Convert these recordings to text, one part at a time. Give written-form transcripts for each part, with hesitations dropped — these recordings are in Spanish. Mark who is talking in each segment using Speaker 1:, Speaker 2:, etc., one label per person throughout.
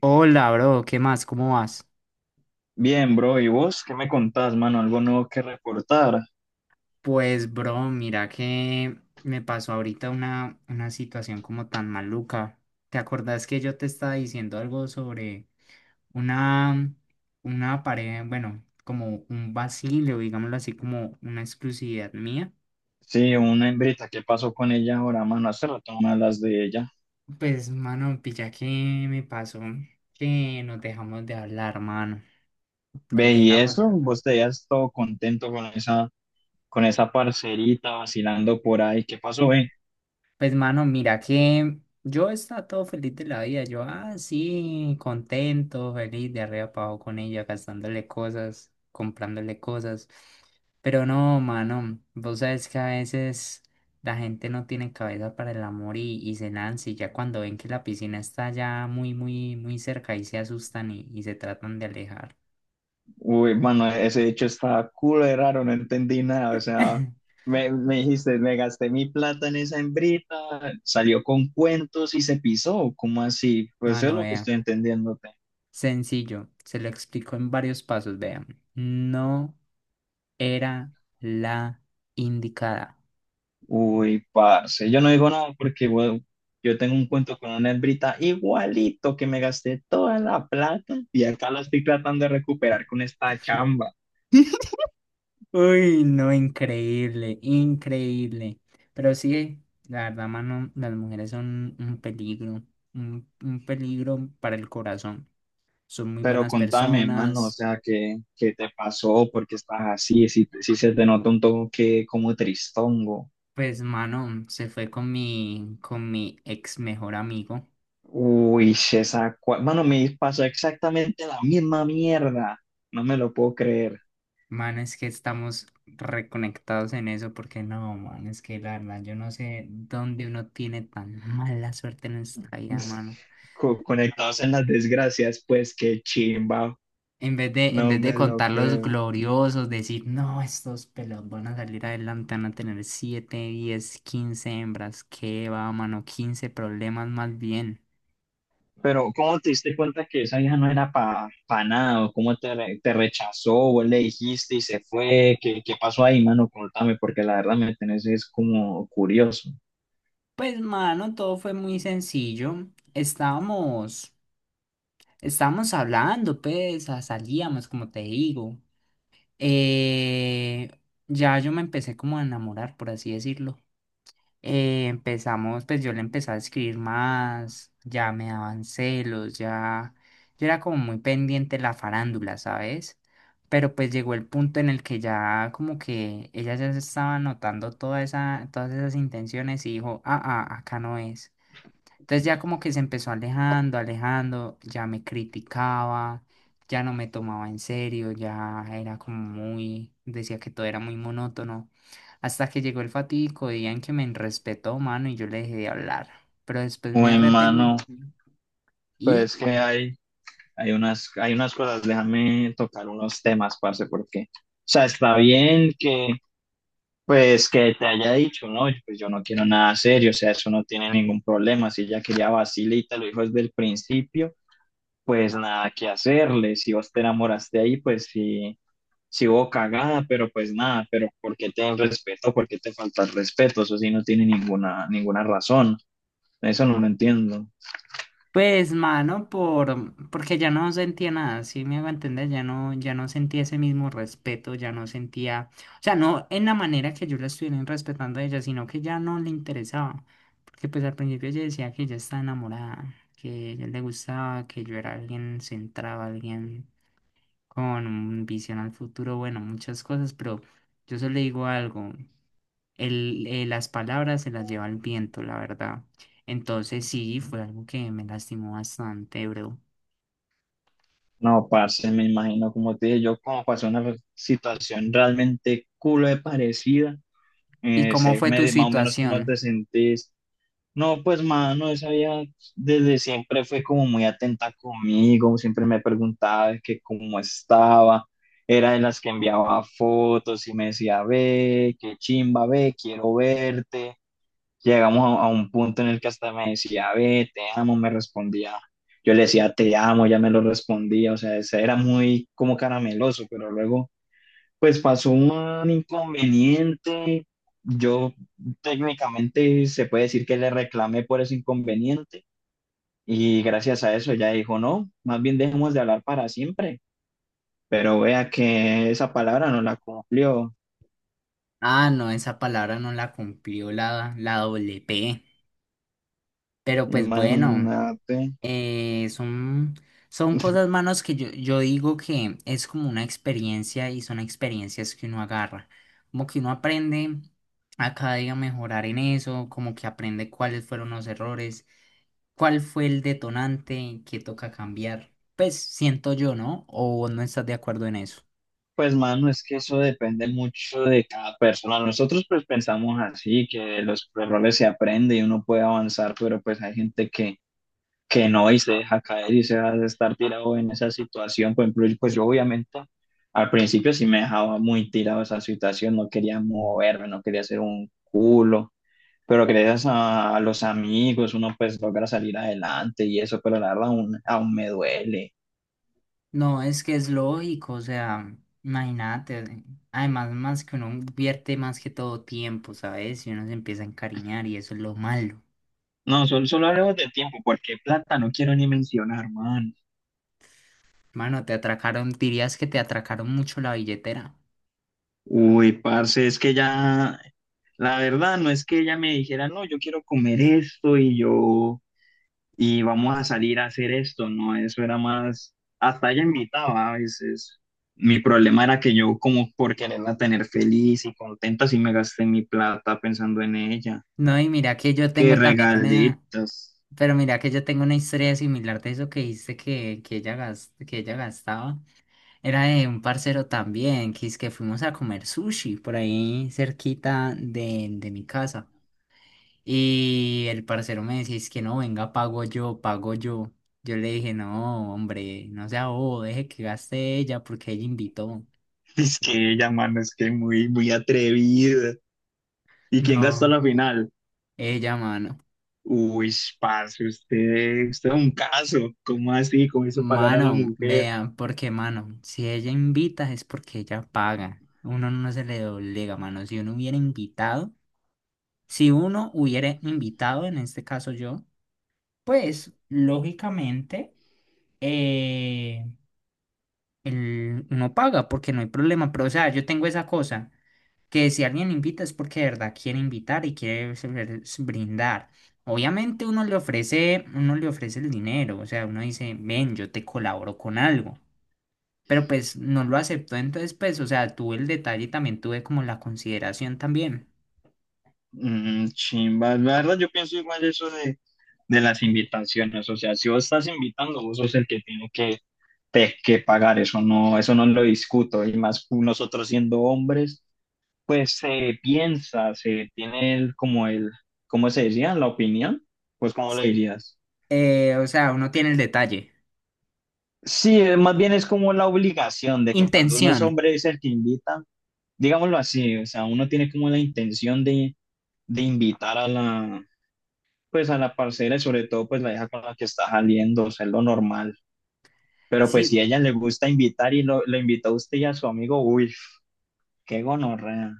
Speaker 1: Hola, bro, ¿qué más? ¿Cómo vas?
Speaker 2: Bien, bro, ¿y vos qué me contás, mano? ¿Algo nuevo que reportar?
Speaker 1: Pues, bro, mira que me pasó ahorita una situación como tan maluca. ¿Te acordás que yo te estaba diciendo algo sobre una, una pareja, bueno, como un vacío, digámoslo así, como una exclusividad mía?
Speaker 2: Sí, una hembrita, ¿qué pasó con ella ahora, mano? Hace rato no hablas de ella.
Speaker 1: Pues, mano, pilla que me pasó que nos dejamos de hablar, mano. Nos
Speaker 2: Ve, y
Speaker 1: dejamos de
Speaker 2: eso,
Speaker 1: hablar.
Speaker 2: vos te veías todo contento con esa parcerita vacilando por ahí. ¿Qué pasó,
Speaker 1: Pues mano, mira que yo estaba todo feliz de la vida, yo así, contento, feliz, de arriba para abajo con ella, gastándole cosas, comprándole cosas. Pero no, mano, vos sabes que a veces la gente no tiene cabeza para el amor y se lanza y ya cuando ven que la piscina está ya muy, muy, muy cerca y se asustan y se tratan de alejar.
Speaker 2: Uy, mano, ese hecho está cool, de raro, no entendí nada. O sea, me dijiste, me gasté mi plata en esa hembrita, salió con cuentos y se pisó. ¿Cómo así? Pues eso es
Speaker 1: Mano,
Speaker 2: lo que
Speaker 1: vea,
Speaker 2: estoy entendiendo.
Speaker 1: sencillo, se lo explico en varios pasos, vea. No era la indicada.
Speaker 2: Uy, parce, yo no digo nada porque bueno, yo tengo un cuento con una hembrita igualito que me gasté toda la plata y acá la estoy tratando de recuperar con esta chamba.
Speaker 1: Uy, no, increíble, increíble. Pero sí, la verdad, mano, las mujeres son un peligro, un peligro para el corazón. Son muy
Speaker 2: Pero
Speaker 1: buenas
Speaker 2: contame, mano, o
Speaker 1: personas.
Speaker 2: sea, ¿qué te pasó? ¿Por qué estás así? Si se te nota un toque como tristongo.
Speaker 1: Pues, mano, se fue con mi ex mejor amigo.
Speaker 2: Uy, esa, mano, me pasó exactamente la misma mierda. No me lo puedo creer.
Speaker 1: Mano, es que estamos reconectados en eso porque no, mano, es que la verdad, yo no sé dónde uno tiene tan mala suerte en esta vida, mano.
Speaker 2: Co- conectados en las desgracias, pues qué chimba,
Speaker 1: En vez de, en
Speaker 2: no
Speaker 1: vez de
Speaker 2: me lo
Speaker 1: contar los
Speaker 2: creo.
Speaker 1: gloriosos, decir, no, estos pelos van a salir adelante, van a tener siete 10 15 hembras, qué va, mano, 15 problemas más bien.
Speaker 2: Pero ¿cómo te diste cuenta que esa vieja no era para pa nada? ¿O ¿cómo te, te rechazó? ¿Vos le dijiste y se fue? ¿Qué pasó ahí, mano? Contame, porque la verdad me tenés es como curioso.
Speaker 1: Pues, mano, todo fue muy sencillo. Estábamos, estábamos hablando, pues, salíamos, como te digo. Eh, ya yo me empecé como a enamorar, por así decirlo. Empezamos, pues yo le empecé a escribir más, ya me daban celos, ya yo era como muy pendiente de la farándula, ¿sabes? Pero pues llegó el punto en el que ya como que ella ya se estaba notando todas esas intenciones y dijo, acá no es. Entonces ya como que se empezó alejando, alejando, ya me criticaba, ya no me tomaba en serio, ya era como muy, decía que todo era muy monótono. Hasta que llegó el fatídico día en que me respetó, mano, y yo le dejé de hablar. Pero después me
Speaker 2: Uy,
Speaker 1: arrepentí
Speaker 2: mano,
Speaker 1: y
Speaker 2: pues hay unas cosas, déjame tocar unos temas, parce, porque, o sea, está bien que, pues, que te haya dicho, no, pues yo no quiero nada serio, o sea, eso no tiene ningún problema, si ella quería vacilita, lo dijo desde el principio, pues nada que hacerle. Si vos te enamoraste ahí, pues sí, sí hubo cagada, pero pues nada, pero ¿por qué te dan respeto? ¿Por qué te falta el respeto? Eso sí no tiene ninguna, ninguna razón. Eso no lo entiendo.
Speaker 1: pues, mano, por, porque ya no sentía nada, sí me hago entender, ya no sentía ese mismo respeto, ya no sentía, o sea, no en la manera que yo la estuviera respetando a ella, sino que ya no le interesaba, porque pues al principio ella decía que ella estaba enamorada, que a ella le gustaba, que yo era alguien centrado, alguien con visión al futuro, bueno, muchas cosas, pero yo solo le digo algo, las palabras se las lleva el viento, la verdad. Entonces sí, fue algo que me lastimó bastante, bro.
Speaker 2: No, parce, me imagino, como te dije, yo como pasó una situación realmente culo de parecida,
Speaker 1: ¿Y cómo fue tu
Speaker 2: más o menos cómo te
Speaker 1: situación?
Speaker 2: sentís. No, pues mano, esa vieja desde siempre fue como muy atenta conmigo, siempre me preguntaba de que cómo estaba, era de las que enviaba fotos y me decía, ve, qué chimba, ve, quiero verte. Llegamos a un punto en el que hasta me decía, ve, te amo, me respondía. Yo le decía, te amo, ya me lo respondía, o sea, ese era muy como carameloso, pero luego pues pasó un inconveniente. Yo técnicamente se puede decir que le reclamé por ese inconveniente y gracias a eso ella dijo, no, más bien dejemos de hablar para siempre. Pero vea que esa palabra no la cumplió.
Speaker 1: Ah, no, esa palabra no la cumplió la doble P. Pero pues bueno,
Speaker 2: Imagínate.
Speaker 1: Eh, son, son cosas, manos, que yo digo que es como una experiencia y son experiencias que uno agarra. Como que uno aprende a cada día mejorar en eso, como que aprende cuáles fueron los errores, cuál fue el detonante que toca cambiar. Pues siento yo, ¿no? ¿O vos no estás de acuerdo en eso?
Speaker 2: Pues mano, es que eso depende mucho de cada persona. Nosotros pues pensamos así, que de los errores se aprende y uno puede avanzar, pero pues hay gente que no y se deja caer y se hace estar tirado en esa situación. Por ejemplo, pues yo obviamente al principio sí me dejaba muy tirado esa situación, no quería moverme, no quería hacer un culo, pero gracias a los amigos uno pues logra salir adelante y eso, pero la verdad aún, aún me duele.
Speaker 1: No, es que es lógico, o sea, imagínate, además más que uno invierte más que todo tiempo, ¿sabes? Y uno se empieza a encariñar y eso es lo malo.
Speaker 2: No, solo, solo hablemos de tiempo, porque plata no quiero ni mencionar, man.
Speaker 1: Mano, te atracaron, dirías que te atracaron mucho la billetera.
Speaker 2: Uy, parce, es que ya, la verdad no es que ella me dijera, no, yo quiero comer esto y yo y vamos a salir a hacer esto, ¿no? Eso era más, hasta ella invitaba a veces. Mi problema era que yo como por quererla tener feliz y contenta, sí me gasté mi plata pensando en ella.
Speaker 1: No, y mira que yo
Speaker 2: Qué
Speaker 1: tengo también una,
Speaker 2: regalitos.
Speaker 1: pero mira que yo tengo una historia similar de eso que dijiste que ella gastaba. Era de un parcero también, que es que fuimos a comer sushi por ahí cerquita de mi casa. Y el parcero me decía, es que no, venga, pago yo, pago yo. Yo le dije, no, hombre, no sea bobo, deje que gaste ella porque ella invitó.
Speaker 2: Es
Speaker 1: Y
Speaker 2: que ella, mano, es que muy, muy atrevida. ¿Y quién gastó
Speaker 1: no,
Speaker 2: la final?
Speaker 1: ella, mano.
Speaker 2: Uy, parce, usted es un caso. ¿Cómo así? ¿Cómo hizo pagar a la
Speaker 1: Mano,
Speaker 2: mujer?
Speaker 1: vean, porque mano, si ella invita es porque ella paga. Uno no se le doblega, mano. Si uno hubiera invitado, en este caso yo, pues lógicamente eh, uno paga porque no hay problema. Pero o sea, yo tengo esa cosa, que si alguien invita es porque de verdad quiere invitar y quiere brindar. Obviamente uno le ofrece el dinero, o sea, uno dice, ven, yo te colaboro con algo. Pero pues no lo aceptó, entonces pues, o sea, tuve el detalle y también tuve como la consideración también.
Speaker 2: Mm, chimba, la verdad yo pienso igual eso de las invitaciones, o sea, si vos estás invitando, vos sos el que tiene que, que pagar, eso no lo discuto, y más nosotros siendo hombres, pues se piensa, se tiene el, como el, ¿cómo se decía? La opinión, pues ¿cómo lo dirías?
Speaker 1: O sea, uno tiene el detalle.
Speaker 2: Sí, más bien es como la obligación de que cuando uno es
Speaker 1: Intención.
Speaker 2: hombre es el que invita, digámoslo así, o sea, uno tiene como la intención de invitar a la, pues a la parcera, y sobre todo pues la hija con la que está saliendo, o sea, es lo normal. Pero pues si a
Speaker 1: Sí,
Speaker 2: ella le gusta invitar y lo, le invitó a usted y a su amigo, uy, qué gonorrea.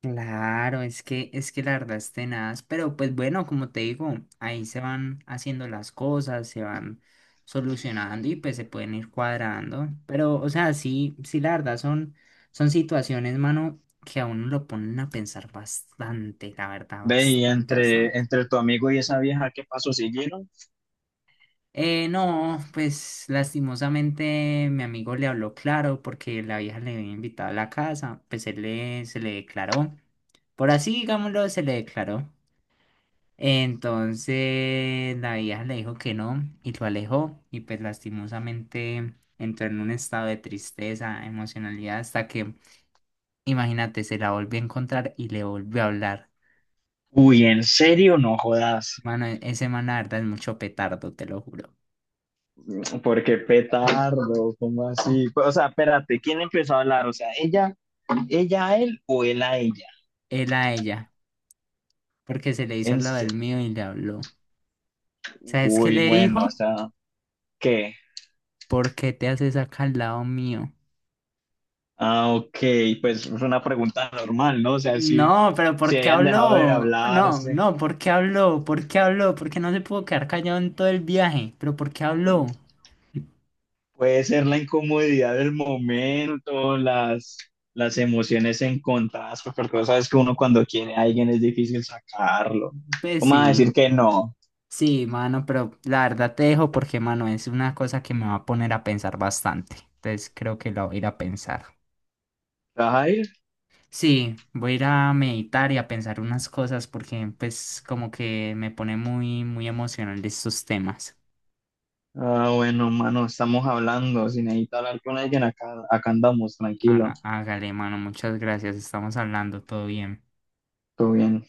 Speaker 1: claro, es que la verdad es tenaz, pero pues bueno, como te digo, ahí se van haciendo las cosas, se van solucionando y pues se pueden ir cuadrando. Pero, o sea, sí, sí, la verdad son, situaciones, mano, que a uno lo ponen a pensar bastante, la verdad,
Speaker 2: Ve, y
Speaker 1: bastante,
Speaker 2: entre,
Speaker 1: bastante.
Speaker 2: entre tu amigo y esa vieja, ¿qué paso siguieron?
Speaker 1: No, pues lastimosamente mi amigo le habló claro porque la vieja le había invitado a la casa, pues él le, se le declaró, por así digámoslo, se le declaró. Entonces la vieja le dijo que no y lo alejó y pues lastimosamente entró en un estado de tristeza, emocionalidad hasta que, imagínate, se la volvió a encontrar y le volvió a hablar.
Speaker 2: Uy, ¿en serio? No jodas.
Speaker 1: Mano, ese man la verdad es mucho petardo, te lo juro.
Speaker 2: Porque petardo, ¿cómo así? Pues, o sea, espérate, ¿quién empezó a hablar? O sea, ¿ella, ella a él o él a ella?
Speaker 1: Él a ella, porque se le hizo
Speaker 2: En
Speaker 1: lo
Speaker 2: se-
Speaker 1: del mío y le habló. ¿Sabes qué
Speaker 2: Uy,
Speaker 1: le
Speaker 2: bueno, o
Speaker 1: dijo?
Speaker 2: sea, ¿qué?
Speaker 1: ¿Por qué te haces acá al lado mío?
Speaker 2: Ah, ok, pues es una pregunta normal, ¿no? O sea, si,
Speaker 1: No, pero
Speaker 2: si
Speaker 1: ¿por qué
Speaker 2: habían dejado de
Speaker 1: habló? No,
Speaker 2: hablarse,
Speaker 1: no, ¿por qué habló? ¿Por qué habló? ¿Por qué no se pudo quedar callado en todo el viaje? ¿Pero por qué habló?
Speaker 2: puede ser la incomodidad del momento, las emociones encontradas, pues, porque vos sabes que uno cuando quiere a alguien es difícil sacarlo.
Speaker 1: Pues
Speaker 2: ¿Cómo vas a decir
Speaker 1: sí,
Speaker 2: que no?
Speaker 1: sí, mano, pero la verdad te dejo porque, mano, es una cosa que me va a poner a pensar bastante. Entonces creo que la voy a ir a pensar.
Speaker 2: ¿Te vas a ir?
Speaker 1: Sí, voy a ir a meditar y a pensar unas cosas porque, pues, como que me pone muy, muy emocional estos temas.
Speaker 2: Ah, bueno, mano, estamos hablando. Si necesitas hablar con alguien, acá, acá andamos, tranquilo,
Speaker 1: Hágale, mano, muchas gracias. Estamos hablando, todo bien.
Speaker 2: todo bien.